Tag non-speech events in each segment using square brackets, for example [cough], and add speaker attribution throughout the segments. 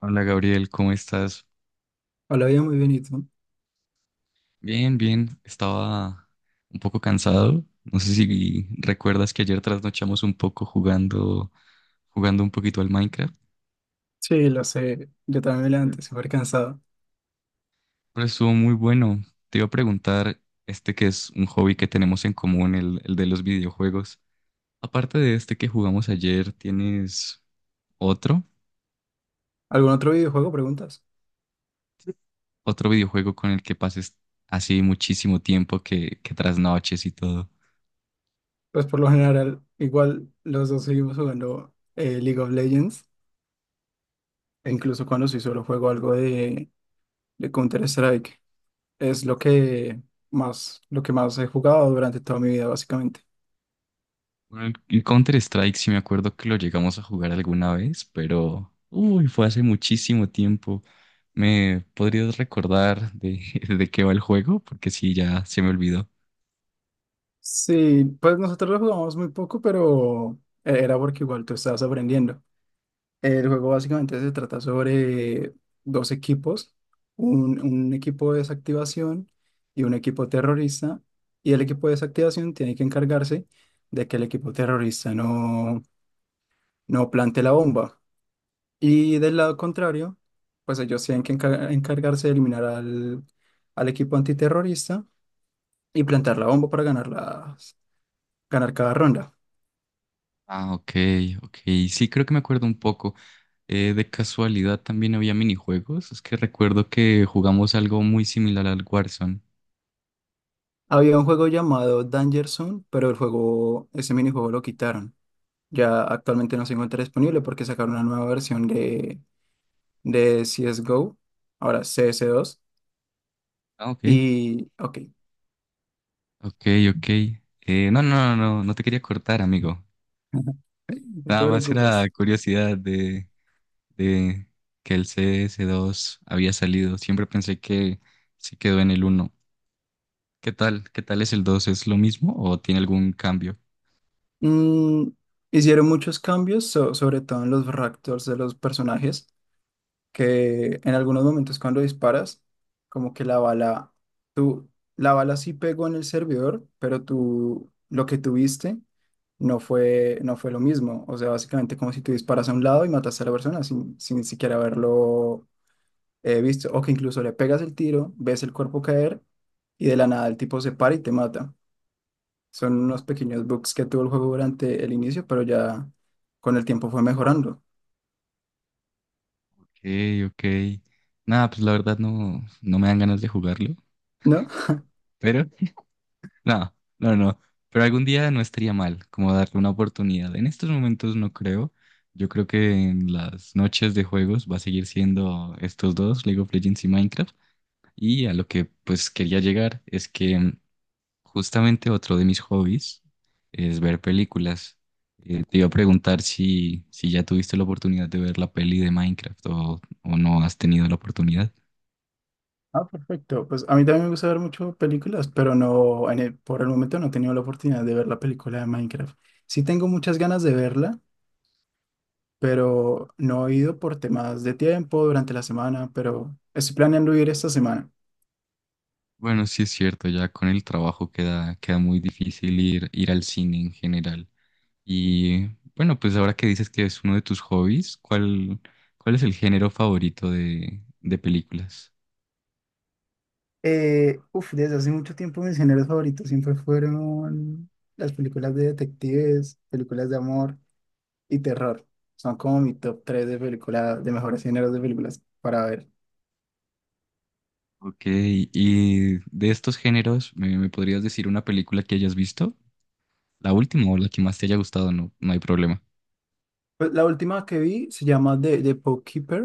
Speaker 1: Hola Gabriel, ¿cómo estás?
Speaker 2: Hola, bien, muy bien, ¿y tú?
Speaker 1: Bien, bien. Estaba un poco cansado. No sé si recuerdas que ayer trasnochamos un poco jugando un poquito al Minecraft.
Speaker 2: Sí, lo sé, yo también me
Speaker 1: Mm.
Speaker 2: levanté súper cansado.
Speaker 1: Pero estuvo muy bueno. Te iba a preguntar, este que es un hobby que tenemos en común, el de los videojuegos. Aparte de este que jugamos ayer, ¿tienes otro?
Speaker 2: ¿Algún otro videojuego, preguntas?
Speaker 1: ¿Otro videojuego con el que pases así muchísimo tiempo que trasnoches y todo?
Speaker 2: Pues por lo general, igual los dos seguimos jugando League of Legends, e incluso cuando sí solo juego algo de Counter-Strike. Es lo que más he jugado durante toda mi vida, básicamente.
Speaker 1: Bueno, el Counter Strike sí me acuerdo que lo llegamos a jugar alguna vez, pero uy, fue hace muchísimo tiempo. ¿Me podrías recordar de, [laughs] de qué va el juego? Porque sí, ya se me olvidó.
Speaker 2: Sí, pues nosotros lo jugamos muy poco, pero era porque igual tú estabas aprendiendo. El juego básicamente se trata sobre dos equipos, un equipo de desactivación y un equipo terrorista, y el equipo de desactivación tiene que encargarse de que el equipo terrorista no plante la bomba. Y del lado contrario, pues ellos tienen que encargarse de eliminar al equipo antiterrorista y plantar la bomba para ganar, ganar cada ronda.
Speaker 1: Ah, ok, ok. Sí, creo que me acuerdo un poco. De casualidad también había minijuegos. Es que recuerdo que jugamos algo muy similar al Warzone.
Speaker 2: Había un juego llamado Danger Zone, pero el juego, ese minijuego lo quitaron. Ya actualmente no se encuentra disponible porque sacaron una nueva versión de CSGO, ahora CS2.
Speaker 1: Ah, ok,
Speaker 2: Y, ok,
Speaker 1: ok, ok. No, no, no, no, no te quería cortar, amigo.
Speaker 2: [laughs] no te
Speaker 1: Nada más era
Speaker 2: preocupes.
Speaker 1: curiosidad de que el CS2 había salido. Siempre pensé que se quedó en el uno. ¿Qué tal? ¿Qué tal es el dos? ¿Es lo mismo o tiene algún cambio?
Speaker 2: Mm, hicieron muchos cambios, sobre todo en los ractors de los personajes, que en algunos momentos cuando disparas, como que la bala, tú, la bala sí pegó en el servidor, pero tú, lo que tuviste no fue lo mismo. O sea, básicamente como si tú disparas a un lado y matas a la persona sin siquiera haberlo visto, o que incluso le pegas el tiro, ves el cuerpo caer y de la nada el tipo se para y te mata. Son
Speaker 1: Ok,
Speaker 2: unos pequeños bugs que tuvo el juego durante el inicio, pero ya con el tiempo fue mejorando,
Speaker 1: ok. Nada, pues la verdad no me dan ganas de jugarlo.
Speaker 2: ¿no?
Speaker 1: Pero, [laughs] no, no, no. Pero algún día no estaría mal como darle una oportunidad. En estos momentos no creo. Yo creo que en las noches de juegos va a seguir siendo estos dos, League of Legends y Minecraft. Y a lo que pues quería llegar es que justamente otro de mis hobbies es ver películas. Te iba a preguntar si ya tuviste la oportunidad de ver la peli de Minecraft, o no has tenido la oportunidad.
Speaker 2: Ah, perfecto. Pues a mí también me gusta ver mucho películas, pero no, por el momento no he tenido la oportunidad de ver la película de Minecraft. Sí tengo muchas ganas de verla, pero no he ido por temas de tiempo durante la semana, pero estoy planeando ir esta semana.
Speaker 1: Bueno, sí es cierto, ya con el trabajo queda, queda muy difícil ir, ir al cine en general. Y bueno, pues ahora que dices que es uno de tus hobbies, ¿cuál es el género favorito de películas?
Speaker 2: Uf, desde hace mucho tiempo mis géneros favoritos siempre fueron las películas de detectives, películas de amor y terror. Son como mi top 3 de películas, de mejores géneros de películas para ver.
Speaker 1: Ok, y de estos géneros, ¿me podrías decir una película que hayas visto? La última o la que más te haya gustado, no, no hay problema.
Speaker 2: Pues la última que vi se llama The Bookkeeper.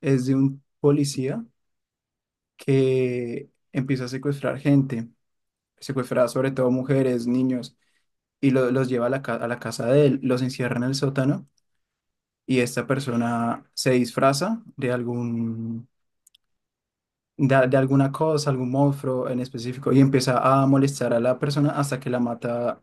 Speaker 2: Es de un policía que empieza a secuestrar gente, secuestra sobre todo mujeres, niños, y los lleva a la, a la casa de él, los encierra en el sótano y esta persona se disfraza de algún, de alguna cosa, algún monstruo en específico y empieza a molestar a la persona hasta que la mata,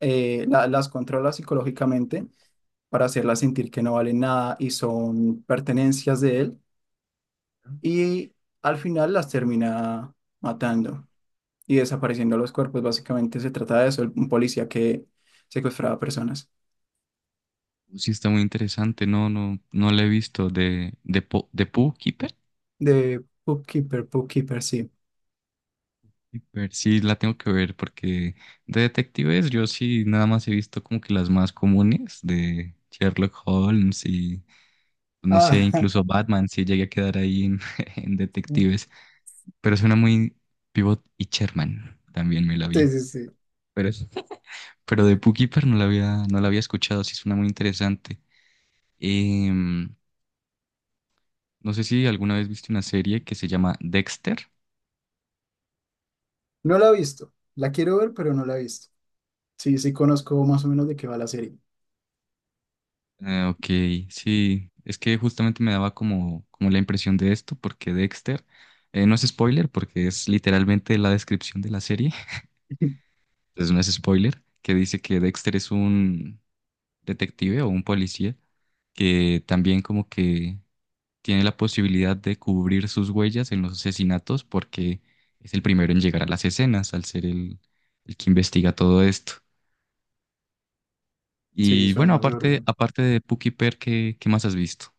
Speaker 2: las controla psicológicamente para hacerla sentir que no valen nada y son pertenencias de él y al final las termina matando y desapareciendo los cuerpos. Básicamente se trata de eso, un policía que secuestraba personas.
Speaker 1: Sí, está muy interesante. No, no, no la he visto. De Pooh Keeper.
Speaker 2: De Bookkeeper, Bookkeeper, sí.
Speaker 1: Keeper, sí, la tengo que ver porque de detectives yo sí nada más he visto como que las más comunes de Sherlock Holmes y no sé,
Speaker 2: Ah, [laughs]
Speaker 1: incluso Batman, sí llegué a quedar ahí en, [laughs] en detectives. Pero suena muy Pivot y Sherman. También me la
Speaker 2: sí,
Speaker 1: vi.
Speaker 2: sí, sí.
Speaker 1: Pero, [laughs] pero de Pooh Keeper no la había escuchado. Sí, suena muy interesante. Em, No sé si alguna vez viste una serie que se llama Dexter.
Speaker 2: No la he visto. La quiero ver, pero no la he visto. Sí, sí conozco más o menos de qué va la serie.
Speaker 1: Ah, ok, sí, es que justamente me daba como la impresión de esto, porque Dexter, no es spoiler, porque es literalmente la descripción de la serie, [laughs]
Speaker 2: [laughs]
Speaker 1: entonces no es spoiler, que dice que Dexter es un detective o un policía que también como que tiene la posibilidad de cubrir sus huellas en los asesinatos porque es el primero en llegar a las escenas al ser el que investiga todo esto.
Speaker 2: Sí,
Speaker 1: Y
Speaker 2: suena
Speaker 1: bueno,
Speaker 2: súper
Speaker 1: aparte,
Speaker 2: bien.
Speaker 1: aparte de Puki Per, ¿qué más has visto?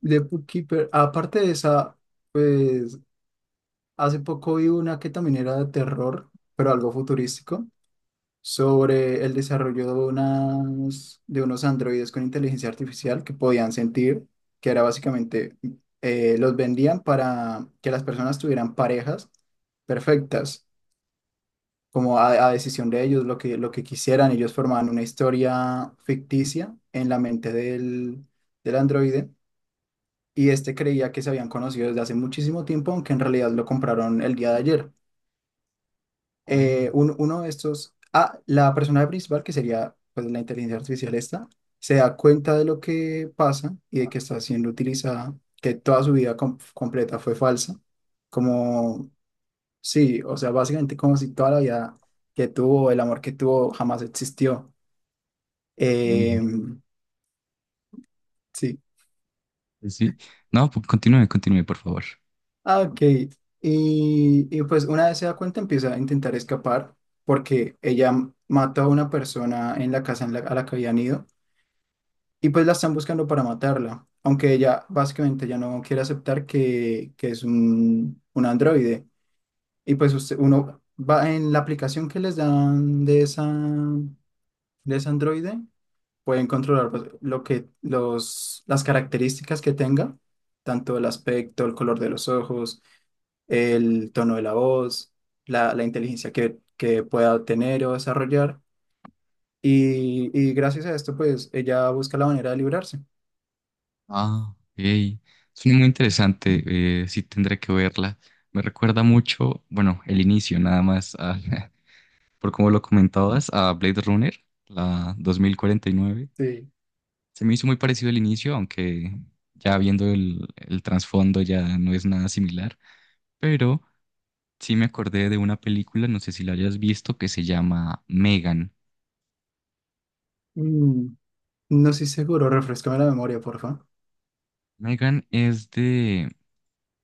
Speaker 2: De Bookkeeper, aparte de esa, pues hace poco vi una que también era de terror, pero algo futurístico, sobre el desarrollo de, unas, de unos androides con inteligencia artificial que podían sentir, que era básicamente, los vendían para que las personas tuvieran parejas perfectas, como a decisión de ellos, lo que quisieran. Ellos formaban una historia ficticia en la mente del androide y este creía que se habían conocido desde hace muchísimo tiempo, aunque en realidad lo compraron el día de ayer.
Speaker 1: Oh,
Speaker 2: Uno de estos, ah, la persona principal, que sería pues, la inteligencia artificial esta, se da cuenta de lo que pasa y de que está siendo utilizada, que toda su vida completa fue falsa, como, sí, o sea, básicamente como si toda la vida que tuvo, el amor que tuvo, jamás existió.
Speaker 1: uy,
Speaker 2: Em, sí,
Speaker 1: pues sí. No, continúe, continúe, por favor.
Speaker 2: ah, ok. Y pues una vez se da cuenta, empieza a intentar escapar porque ella mató a una persona en la casa a la que habían ido. Y pues la están buscando para matarla, aunque ella básicamente ya no quiere aceptar que es un androide. Y pues usted, uno va en la aplicación que les dan de esa, de ese androide, pueden controlar pues, lo que, las características que tenga, tanto el aspecto, el color de los ojos, el tono de la voz, la inteligencia que pueda tener o desarrollar. Y gracias a esto, pues ella busca la manera de librarse.
Speaker 1: Ah, hey. Suena muy interesante. Sí, tendré que verla. Me recuerda mucho, bueno, el inicio, nada más, [laughs] por como lo comentabas, a Blade Runner, la 2049.
Speaker 2: Sí.
Speaker 1: Se me hizo muy parecido el inicio, aunque ya viendo el trasfondo ya no es nada similar. Sí me acordé de una película, no sé si la hayas visto, que se llama Megan.
Speaker 2: Mm, no estoy seguro, refrescame la memoria, porfa.
Speaker 1: Megan es de,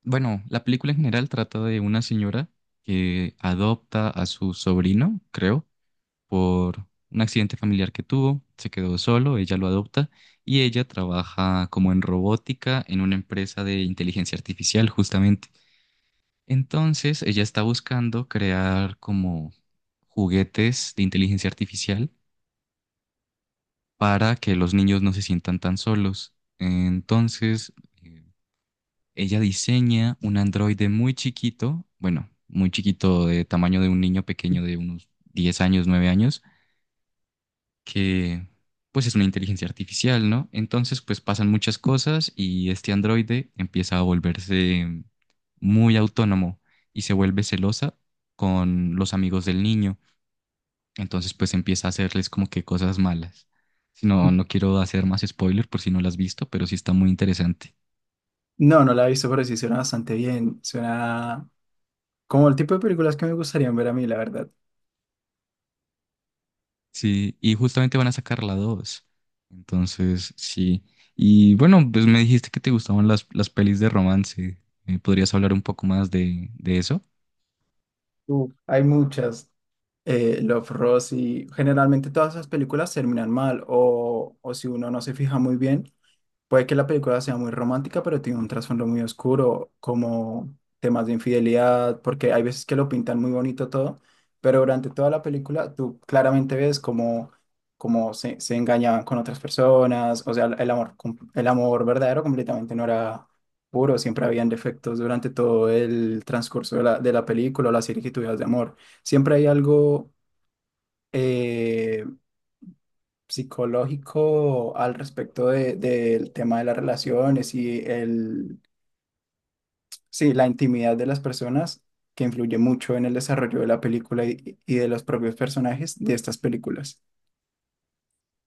Speaker 1: bueno, la película en general trata de una señora que adopta a su sobrino, creo, por un accidente familiar que tuvo, se quedó solo, ella lo adopta y ella trabaja como en robótica en una empresa de inteligencia artificial, justamente. Entonces, ella está buscando crear como juguetes de inteligencia artificial para que los niños no se sientan tan solos. Entonces, eh, ella diseña un androide muy chiquito, bueno, muy chiquito de tamaño de un niño pequeño de unos 10 años, 9 años, que pues es una inteligencia artificial, ¿no? Entonces, pues pasan muchas cosas y este androide empieza a volverse muy autónomo y se vuelve celosa con los amigos del niño. Entonces, pues empieza a hacerles como que cosas malas. Si no, no quiero hacer más spoiler por si no la has visto, pero sí está muy interesante.
Speaker 2: No, no la he visto, pero sí suena bastante bien. Suena como el tipo de películas que me gustarían ver a mí, la verdad.
Speaker 1: Sí, y justamente van a sacar la dos. Entonces, sí. Y bueno, pues me dijiste que te gustaban las pelis de romance. ¿Podrías hablar un poco más de eso?
Speaker 2: Uf, hay muchas. Love, Rosie. Generalmente todas esas películas terminan mal o si uno no se fija muy bien, puede que la película sea muy romántica, pero tiene un trasfondo muy oscuro, como temas de infidelidad, porque hay veces que lo pintan muy bonito todo, pero durante toda la película tú claramente ves cómo, se engañaban con otras personas, o sea, el amor, el amor verdadero completamente no era puro, siempre habían defectos durante todo el transcurso de de la película o las circunstancias de amor. Siempre hay algo... eh, psicológico al respecto del tema de las relaciones y sí, la intimidad de las personas que influye mucho en el desarrollo de la película y de los propios personajes de estas películas.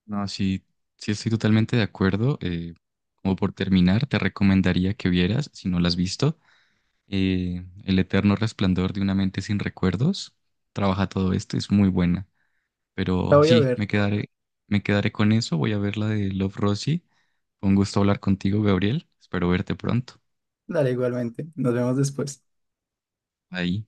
Speaker 1: No, sí, sí estoy totalmente de acuerdo. Como por terminar, te recomendaría que vieras, si no la has visto, El eterno resplandor de una mente sin recuerdos. Trabaja todo esto, es muy buena.
Speaker 2: La
Speaker 1: Pero
Speaker 2: voy a
Speaker 1: sí,
Speaker 2: ver,
Speaker 1: me quedaré con eso. Voy a ver la de Love Rosie. Con gusto hablar contigo, Gabriel. Espero verte pronto.
Speaker 2: dale igualmente. Nos vemos después.
Speaker 1: Ahí.